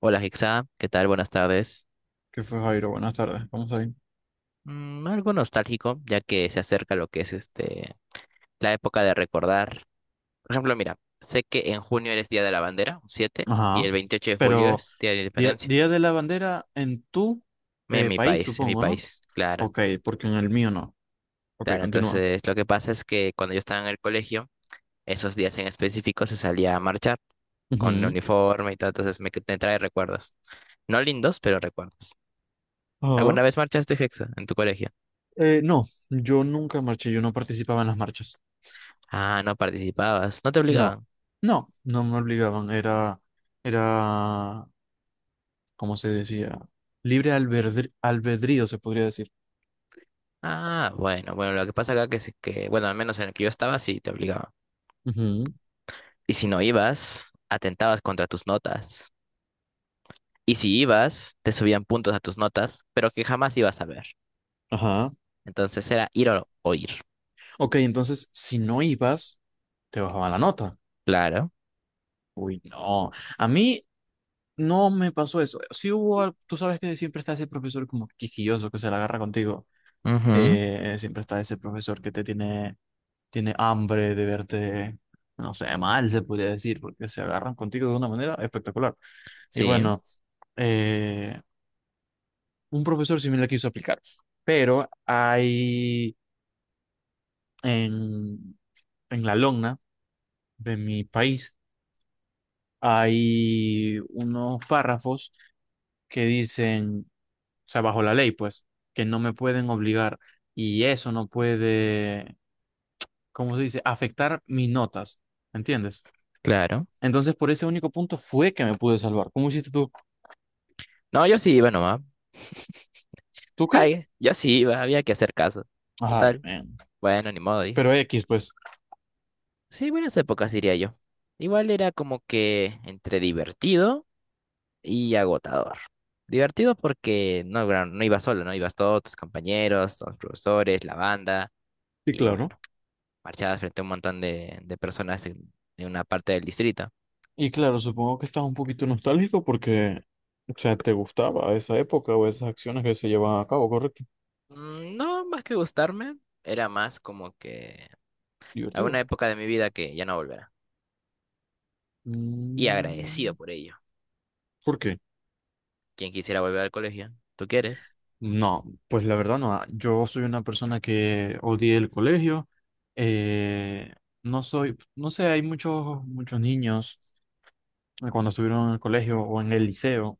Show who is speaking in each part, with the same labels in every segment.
Speaker 1: Hola Hexa, ¿qué tal? Buenas tardes.
Speaker 2: ¿Qué fue, Jairo? Buenas tardes. Vamos ahí.
Speaker 1: Algo nostálgico, ya que se acerca lo que es la época de recordar. Por ejemplo, mira, sé que en junio eres Día de la Bandera, un 7, y
Speaker 2: Ajá.
Speaker 1: el 28 de julio
Speaker 2: Pero
Speaker 1: es Día de la
Speaker 2: Día,
Speaker 1: Independencia.
Speaker 2: Día de la Bandera en tu país,
Speaker 1: En mi
Speaker 2: supongo, ¿no?
Speaker 1: país, claro.
Speaker 2: Ok, porque en el mío no. Ok,
Speaker 1: Claro,
Speaker 2: continúa.
Speaker 1: entonces lo que pasa es que cuando yo estaba en el colegio, esos días en específico se salía a marchar con el
Speaker 2: Ujú.
Speaker 1: uniforme y todo, entonces me trae recuerdos. No lindos, pero recuerdos.
Speaker 2: Ajá.
Speaker 1: ¿Alguna vez marchaste, Hexa, en tu colegio?
Speaker 2: No, yo nunca marché, yo no participaba en las marchas.
Speaker 1: Ah, no participabas, no te
Speaker 2: No,
Speaker 1: obligaban.
Speaker 2: no, no me obligaban. Era, ¿cómo se decía? Libre albedrío, se podría decir.
Speaker 1: Ah, bueno, bueno, lo que pasa acá que es que, bueno, al menos en el que yo estaba, sí te obligaban.
Speaker 2: Ujú,
Speaker 1: Y si no ibas, atentabas contra tus notas. Y si ibas, te subían puntos a tus notas, pero que jamás ibas a ver.
Speaker 2: ajá.
Speaker 1: Entonces era ir o ir.
Speaker 2: Ok, entonces, si no ibas, te bajaban la nota.
Speaker 1: Claro.
Speaker 2: Uy, no. A mí, no me pasó eso. Sí hubo, tú sabes que siempre está ese profesor como quisquilloso que se la agarra contigo.
Speaker 1: Ujú.
Speaker 2: Siempre está ese profesor que te tiene hambre de verte, no sé, mal se podría decir, porque se agarran contigo de una manera espectacular. Y
Speaker 1: Sí,
Speaker 2: bueno, eh, un profesor sí me la quiso aplicar, pero hay en, en la Logna de mi país hay unos párrafos que dicen, o sea, bajo la ley, pues, que no me pueden obligar y eso no puede, ¿cómo se dice?, afectar mis notas, ¿entiendes?
Speaker 1: claro.
Speaker 2: Entonces, por ese único punto fue que me pude salvar. ¿Cómo hiciste tú?
Speaker 1: No, yo sí iba nomás.
Speaker 2: ¿Tú qué?
Speaker 1: Ay, yo sí iba, había que hacer caso.
Speaker 2: Ay,
Speaker 1: Total.
Speaker 2: man.
Speaker 1: Bueno, ni modo, dije.
Speaker 2: Pero X, pues.
Speaker 1: Sí, buenas épocas, diría yo. Igual era como que entre divertido y agotador. Divertido porque no, no ibas solo, ¿no? Ibas todos tus compañeros, los profesores, la banda,
Speaker 2: Sí,
Speaker 1: y
Speaker 2: claro.
Speaker 1: bueno, marchabas frente a un montón de personas de una parte del distrito.
Speaker 2: Y claro, supongo que estás un poquito nostálgico porque, o sea, te gustaba esa época o esas acciones que se llevaban a cabo, ¿correcto?
Speaker 1: No, más que gustarme, era más como que alguna
Speaker 2: Divertido.
Speaker 1: época de mi vida que ya no volverá. Y agradecido
Speaker 2: Mm.
Speaker 1: por ello.
Speaker 2: ¿Por qué?
Speaker 1: ¿Quién quisiera volver al colegio? ¿Tú quieres?
Speaker 2: No, pues la verdad no. Yo soy una persona que odié el colegio. eh, no soy, no sé, hay muchos, muchos niños cuando estuvieron en el colegio o en el liceo,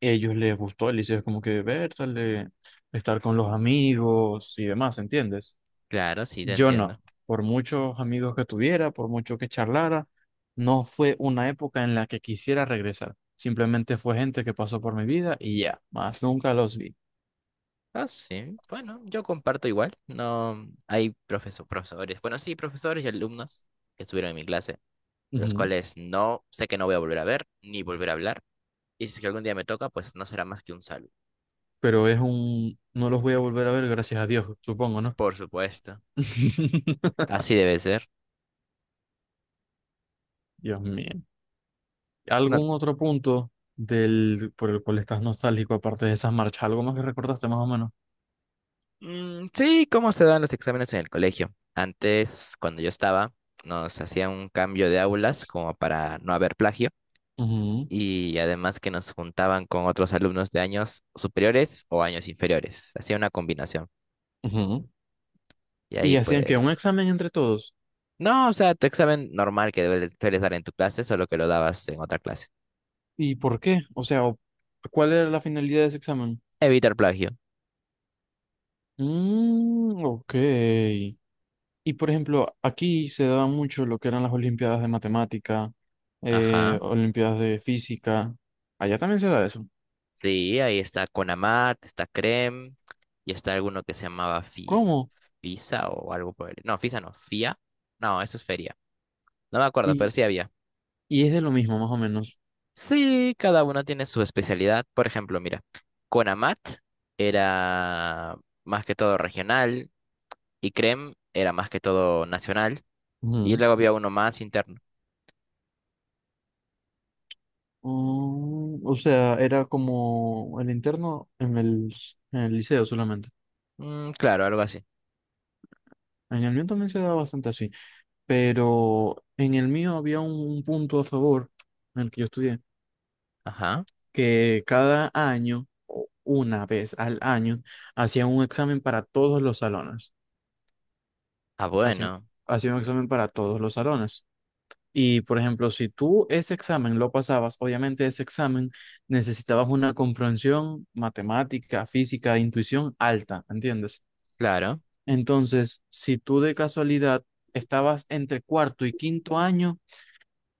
Speaker 2: ellos les gustó el liceo, es como que verle, estar con los amigos y demás, ¿entiendes?
Speaker 1: Claro, sí, te
Speaker 2: Yo no.
Speaker 1: entiendo.
Speaker 2: Por muchos amigos que tuviera, por mucho que charlara, no fue una época en la que quisiera regresar. Simplemente fue gente que pasó por mi vida y ya, más nunca los vi.
Speaker 1: Ah, sí, bueno, yo comparto igual. No hay profesores. Bueno, sí, profesores y alumnos que estuvieron en mi clase los
Speaker 2: Ujú.
Speaker 1: cuales no sé que no voy a volver a ver ni volver a hablar. Y si es que algún día me toca, pues no será más que un saludo.
Speaker 2: No los voy a volver a ver, gracias a Dios, supongo,
Speaker 1: Pues,
Speaker 2: ¿no?
Speaker 1: por supuesto, así debe ser.
Speaker 2: Dios mío.
Speaker 1: No,
Speaker 2: ¿Algún otro punto por el cual estás nostálgico, aparte de esas marchas? ¿Algo más que recordaste, más o menos?
Speaker 1: sí, ¿cómo se dan los exámenes en el colegio? Antes, cuando yo estaba, nos hacían un cambio de aulas como para no haber plagio
Speaker 2: Ujú,
Speaker 1: y además que nos juntaban con otros alumnos de años superiores o años inferiores. Hacía una combinación.
Speaker 2: ujú.
Speaker 1: Y ahí
Speaker 2: Y hacían que un
Speaker 1: pues.
Speaker 2: examen entre todos.
Speaker 1: No, o sea, tu examen normal que sueles dar en tu clase, solo que lo dabas en otra clase.
Speaker 2: ¿Y por qué? O sea, ¿cuál era la finalidad de ese examen?
Speaker 1: Evitar plagio.
Speaker 2: Mm, ok. Y por ejemplo, aquí se daba mucho lo que eran las olimpiadas de matemática,
Speaker 1: Ajá.
Speaker 2: olimpiadas de física. Allá también se da eso.
Speaker 1: Sí, ahí está Conamat, está Crem, y está alguno que se llamaba
Speaker 2: ¿Cómo?
Speaker 1: Fisa o algo por el. No, Fisa no, Fia. No, eso es Feria. No me acuerdo, pero
Speaker 2: Y,
Speaker 1: sí había.
Speaker 2: y es de lo mismo, más o menos.
Speaker 1: Sí, cada uno tiene su especialidad. Por ejemplo, mira, Conamat era más que todo regional y Crem era más que todo nacional. Y
Speaker 2: Ujú.
Speaker 1: luego había uno más interno.
Speaker 2: Mm, o sea, era como el interno en el liceo solamente.
Speaker 1: Claro, algo así.
Speaker 2: En el mío también se daba bastante así, pero en el mío había un punto a favor en el que yo estudié,
Speaker 1: Ajá.
Speaker 2: que cada año, o una vez al año, hacían un examen para todos los salones.
Speaker 1: Ah,
Speaker 2: Hacían,
Speaker 1: bueno,
Speaker 2: hacían un examen para todos los salones. Y, por ejemplo, si tú ese examen lo pasabas, obviamente ese examen necesitabas una comprensión matemática, física, intuición alta, ¿entiendes?
Speaker 1: claro.
Speaker 2: Entonces, si tú de casualidad estabas entre cuarto y quinto año,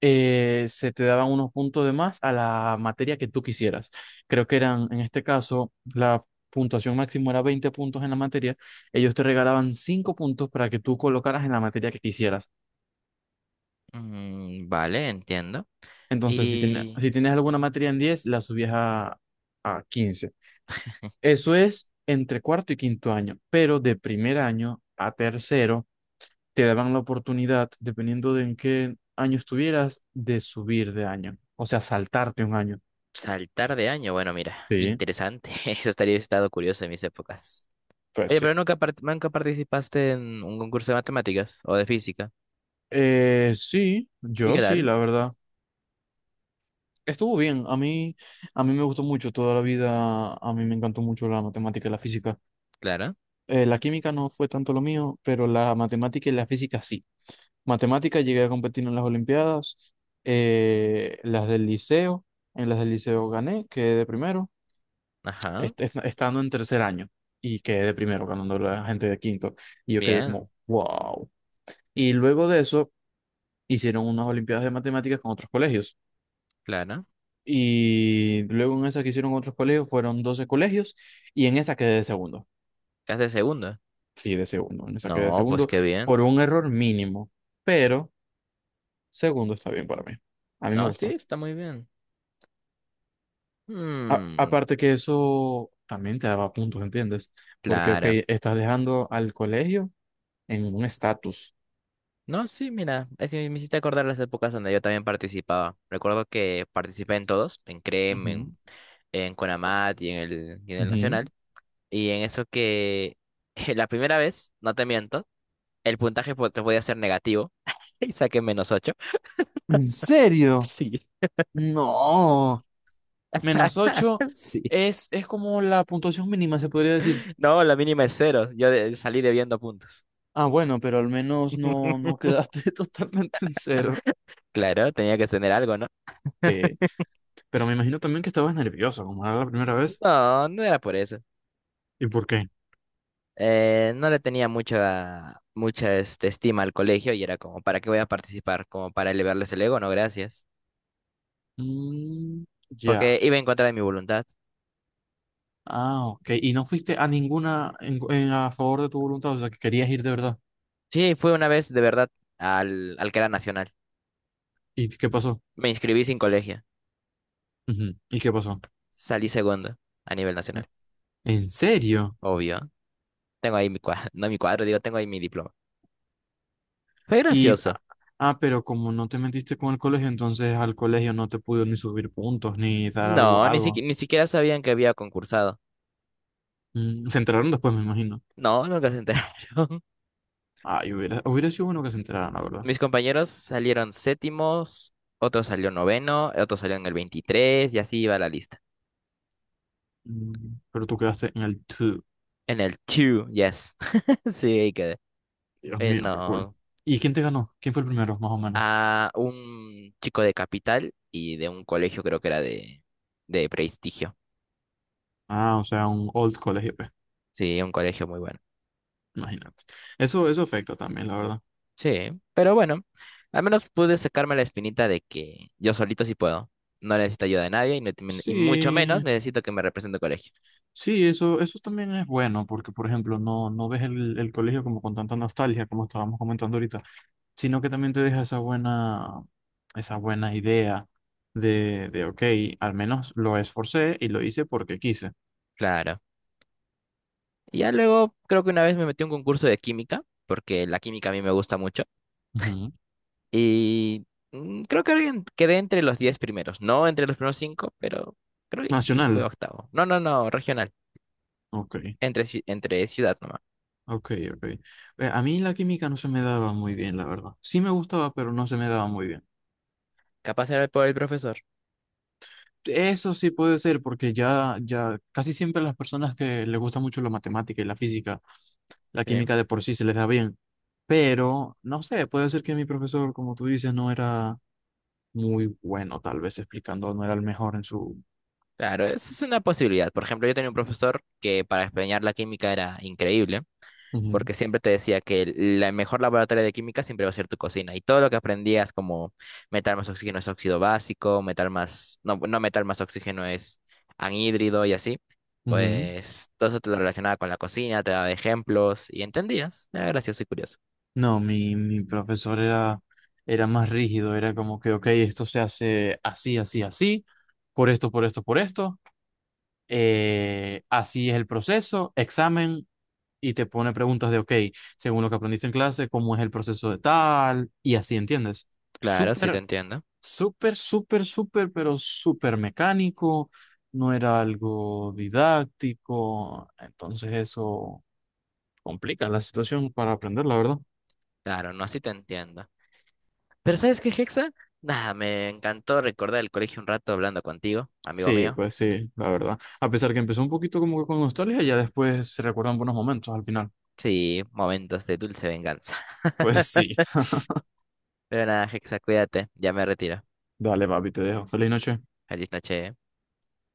Speaker 2: se te daban unos puntos de más a la materia que tú quisieras. Creo que eran, en este caso, la puntuación máxima era 20 puntos en la materia. Ellos te regalaban 5 puntos para que tú colocaras en la materia que quisieras.
Speaker 1: Vale, entiendo.
Speaker 2: Entonces, si,
Speaker 1: Y
Speaker 2: si tienes alguna materia en 10 la subías a 15. Eso es entre cuarto y quinto año, pero de primer año a tercero te daban la oportunidad, dependiendo de en qué año estuvieras, de subir de año, o sea, saltarte un año.
Speaker 1: saltar de año, bueno, mira, qué
Speaker 2: Sí,
Speaker 1: interesante. Eso estaría estado curioso en mis épocas.
Speaker 2: pues
Speaker 1: Oye,
Speaker 2: sí.
Speaker 1: pero nunca, nunca participaste en un concurso de matemáticas o de física.
Speaker 2: Sí,
Speaker 1: ¿Y qué
Speaker 2: yo sí,
Speaker 1: tal?
Speaker 2: la verdad. Estuvo bien, a mí me gustó mucho toda la vida, a mí me encantó mucho la matemática y la física.
Speaker 1: Clara.
Speaker 2: La química no fue tanto lo mío, pero la matemática y la física sí. Matemáticas, llegué a competir en las Olimpiadas, las del liceo, en las del liceo gané, quedé de primero,
Speaker 1: Ajá.
Speaker 2: estando en tercer año y quedé de primero, ganando la gente de quinto, y yo quedé
Speaker 1: Bien.
Speaker 2: como, wow. Y luego de eso hicieron unas Olimpiadas de Matemáticas con otros colegios,
Speaker 1: Clara.
Speaker 2: y luego en esa que hicieron otros colegios fueron 12 colegios, y en esa quedé de segundo,
Speaker 1: ¿Qué haces de segunda?
Speaker 2: sí, de segundo, en esa quedé de
Speaker 1: No, pues
Speaker 2: segundo
Speaker 1: qué bien.
Speaker 2: por un error mínimo, pero segundo está bien para mí, a mí me
Speaker 1: No, sí,
Speaker 2: gustó.
Speaker 1: está muy bien.
Speaker 2: A-
Speaker 1: Mmm,
Speaker 2: aparte que eso también te daba puntos, ¿entiendes? Porque, ok,
Speaker 1: Clara.
Speaker 2: estás dejando al colegio en un estatus.
Speaker 1: No, sí, mira, es que me hiciste acordar las épocas donde yo también participaba. Recuerdo que participé en todos, en CREM, en,
Speaker 2: Ujú,
Speaker 1: en CONAMAT y en el
Speaker 2: ujú.
Speaker 1: Nacional. Y en eso que la primera vez, no te miento, el puntaje te podía ser negativo y saqué -8.
Speaker 2: ¿En serio?
Speaker 1: Sí.
Speaker 2: No, -8
Speaker 1: Sí.
Speaker 2: es como la puntuación mínima, se podría decir.
Speaker 1: No, la mínima es cero. Yo salí debiendo puntos.
Speaker 2: Ah, bueno, pero al menos no, no quedaste totalmente en cero.
Speaker 1: Claro, tenía que tener algo, ¿no?
Speaker 2: Sí, pero me imagino también que estabas nervioso, como era la primera vez.
Speaker 1: No, no era por eso.
Speaker 2: ¿Y por qué?
Speaker 1: No le tenía mucha estima al colegio y era como, ¿para qué voy a participar? Como para elevarles el ego, no, gracias.
Speaker 2: Mm, ya.
Speaker 1: Porque iba en contra de mi voluntad.
Speaker 2: Ah, ok. ¿Y no fuiste a ninguna a favor de tu voluntad? O sea, que querías ir de verdad.
Speaker 1: Sí, fue una vez de verdad al que era nacional.
Speaker 2: ¿Y qué pasó?
Speaker 1: Me inscribí sin colegio.
Speaker 2: Ujú. ¿Y qué pasó?
Speaker 1: Salí segundo a nivel
Speaker 2: Eh,
Speaker 1: nacional,
Speaker 2: ¿En serio?
Speaker 1: obvio. Tengo ahí mi cuadro, no mi cuadro, digo, tengo ahí mi diploma. Fue
Speaker 2: Y,
Speaker 1: gracioso.
Speaker 2: ah, pero como no te metiste con el colegio, entonces al colegio no te pudo ni subir puntos, ni dar
Speaker 1: No,
Speaker 2: algo,
Speaker 1: ni siqui-
Speaker 2: algo.
Speaker 1: ni siquiera sabían que había concursado.
Speaker 2: Mm, se enteraron después, me imagino.
Speaker 1: No, nunca se enteraron.
Speaker 2: Ay, hubiera sido bueno que se enteraran, la verdad.
Speaker 1: Mis compañeros salieron séptimos, otro salió noveno, otro salió en el 23, y así iba la lista.
Speaker 2: Mm, pero tú quedaste en el 2.
Speaker 1: En el two, yes. Sí, ahí quedé.
Speaker 2: Dios
Speaker 1: Eh,
Speaker 2: mío, qué cool.
Speaker 1: no,
Speaker 2: ¿Y quién te ganó? ¿Quién fue el primero, más o menos?
Speaker 1: a un chico de capital y de un colegio, creo que era de prestigio.
Speaker 2: Ah, o sea, un old colegio, pues.
Speaker 1: Sí, un colegio muy bueno.
Speaker 2: Imagínate. Eso afecta también, la verdad.
Speaker 1: Sí, pero bueno, al menos pude sacarme la espinita de que yo solito sí puedo. No necesito ayuda de nadie y, no te- y mucho menos
Speaker 2: Sí,
Speaker 1: necesito que me represente el colegio.
Speaker 2: sí, eso también es bueno, porque por ejemplo, no, no ves el colegio como con tanta nostalgia, como estábamos comentando ahorita, sino que también te deja esa buena idea de ok, al menos lo esforcé y lo hice porque quise.
Speaker 1: Claro. Y ya luego creo que una vez me metí a un concurso de química, porque la química a mí me gusta mucho.
Speaker 2: Ujú.
Speaker 1: Y creo que quedé entre los 10 primeros. No entre los primeros 5, pero creo que sí fue
Speaker 2: Nacional.
Speaker 1: octavo. No, no, no, regional.
Speaker 2: Ok,
Speaker 1: Entre ciudad nomás.
Speaker 2: ok, ok. A mí la química no se me daba muy bien, la verdad. Sí me gustaba, pero no se me daba muy bien.
Speaker 1: Capaz era por el profesor.
Speaker 2: Eso sí puede ser, porque ya, ya casi siempre las personas que les gusta mucho la matemática y la física la
Speaker 1: Sí.
Speaker 2: química de por sí se les da bien, pero no sé, puede ser que mi profesor, como tú dices, no era muy bueno, tal vez explicando, no era el mejor en su...
Speaker 1: Claro, eso es una posibilidad. Por ejemplo, yo tenía un profesor que para enseñar la química era increíble,
Speaker 2: Ujú,
Speaker 1: porque siempre te decía que la mejor laboratorio de química siempre va a ser tu cocina. Y todo lo que aprendías, como metal más oxígeno es óxido básico, metal más, no, no metal más oxígeno es anhídrido y así,
Speaker 2: ujú.
Speaker 1: pues todo eso te lo relacionaba con la cocina, te daba ejemplos y entendías. Era gracioso y curioso.
Speaker 2: No, mi profesor era más rígido, era como que, ok, esto se hace así, así, así, por esto, por esto, por esto, así es el proceso, examen. Y te pone preguntas de, ok, según lo que aprendiste en clase, ¿cómo es el proceso de tal? Y así, ¿entiendes?
Speaker 1: Claro, sí te
Speaker 2: Súper
Speaker 1: entiendo.
Speaker 2: súper, súper, súper, pero súper mecánico, no era algo didáctico, entonces eso complica la situación para aprender, la verdad.
Speaker 1: Claro, no, sí te entiendo. Pero ¿sabes qué, Hexa? Nada, me encantó recordar el colegio un rato hablando contigo, amigo
Speaker 2: Sí,
Speaker 1: mío.
Speaker 2: pues sí, la verdad. A pesar que empezó un poquito como que con nostalgia, ya después se recuerdan buenos momentos al final.
Speaker 1: Sí, momentos de dulce venganza.
Speaker 2: Pues sí.
Speaker 1: Pero nada, Hexa, cuídate. Ya me retiro.
Speaker 2: Dale, papi, te dejo. Feliz noche.
Speaker 1: Feliz noche.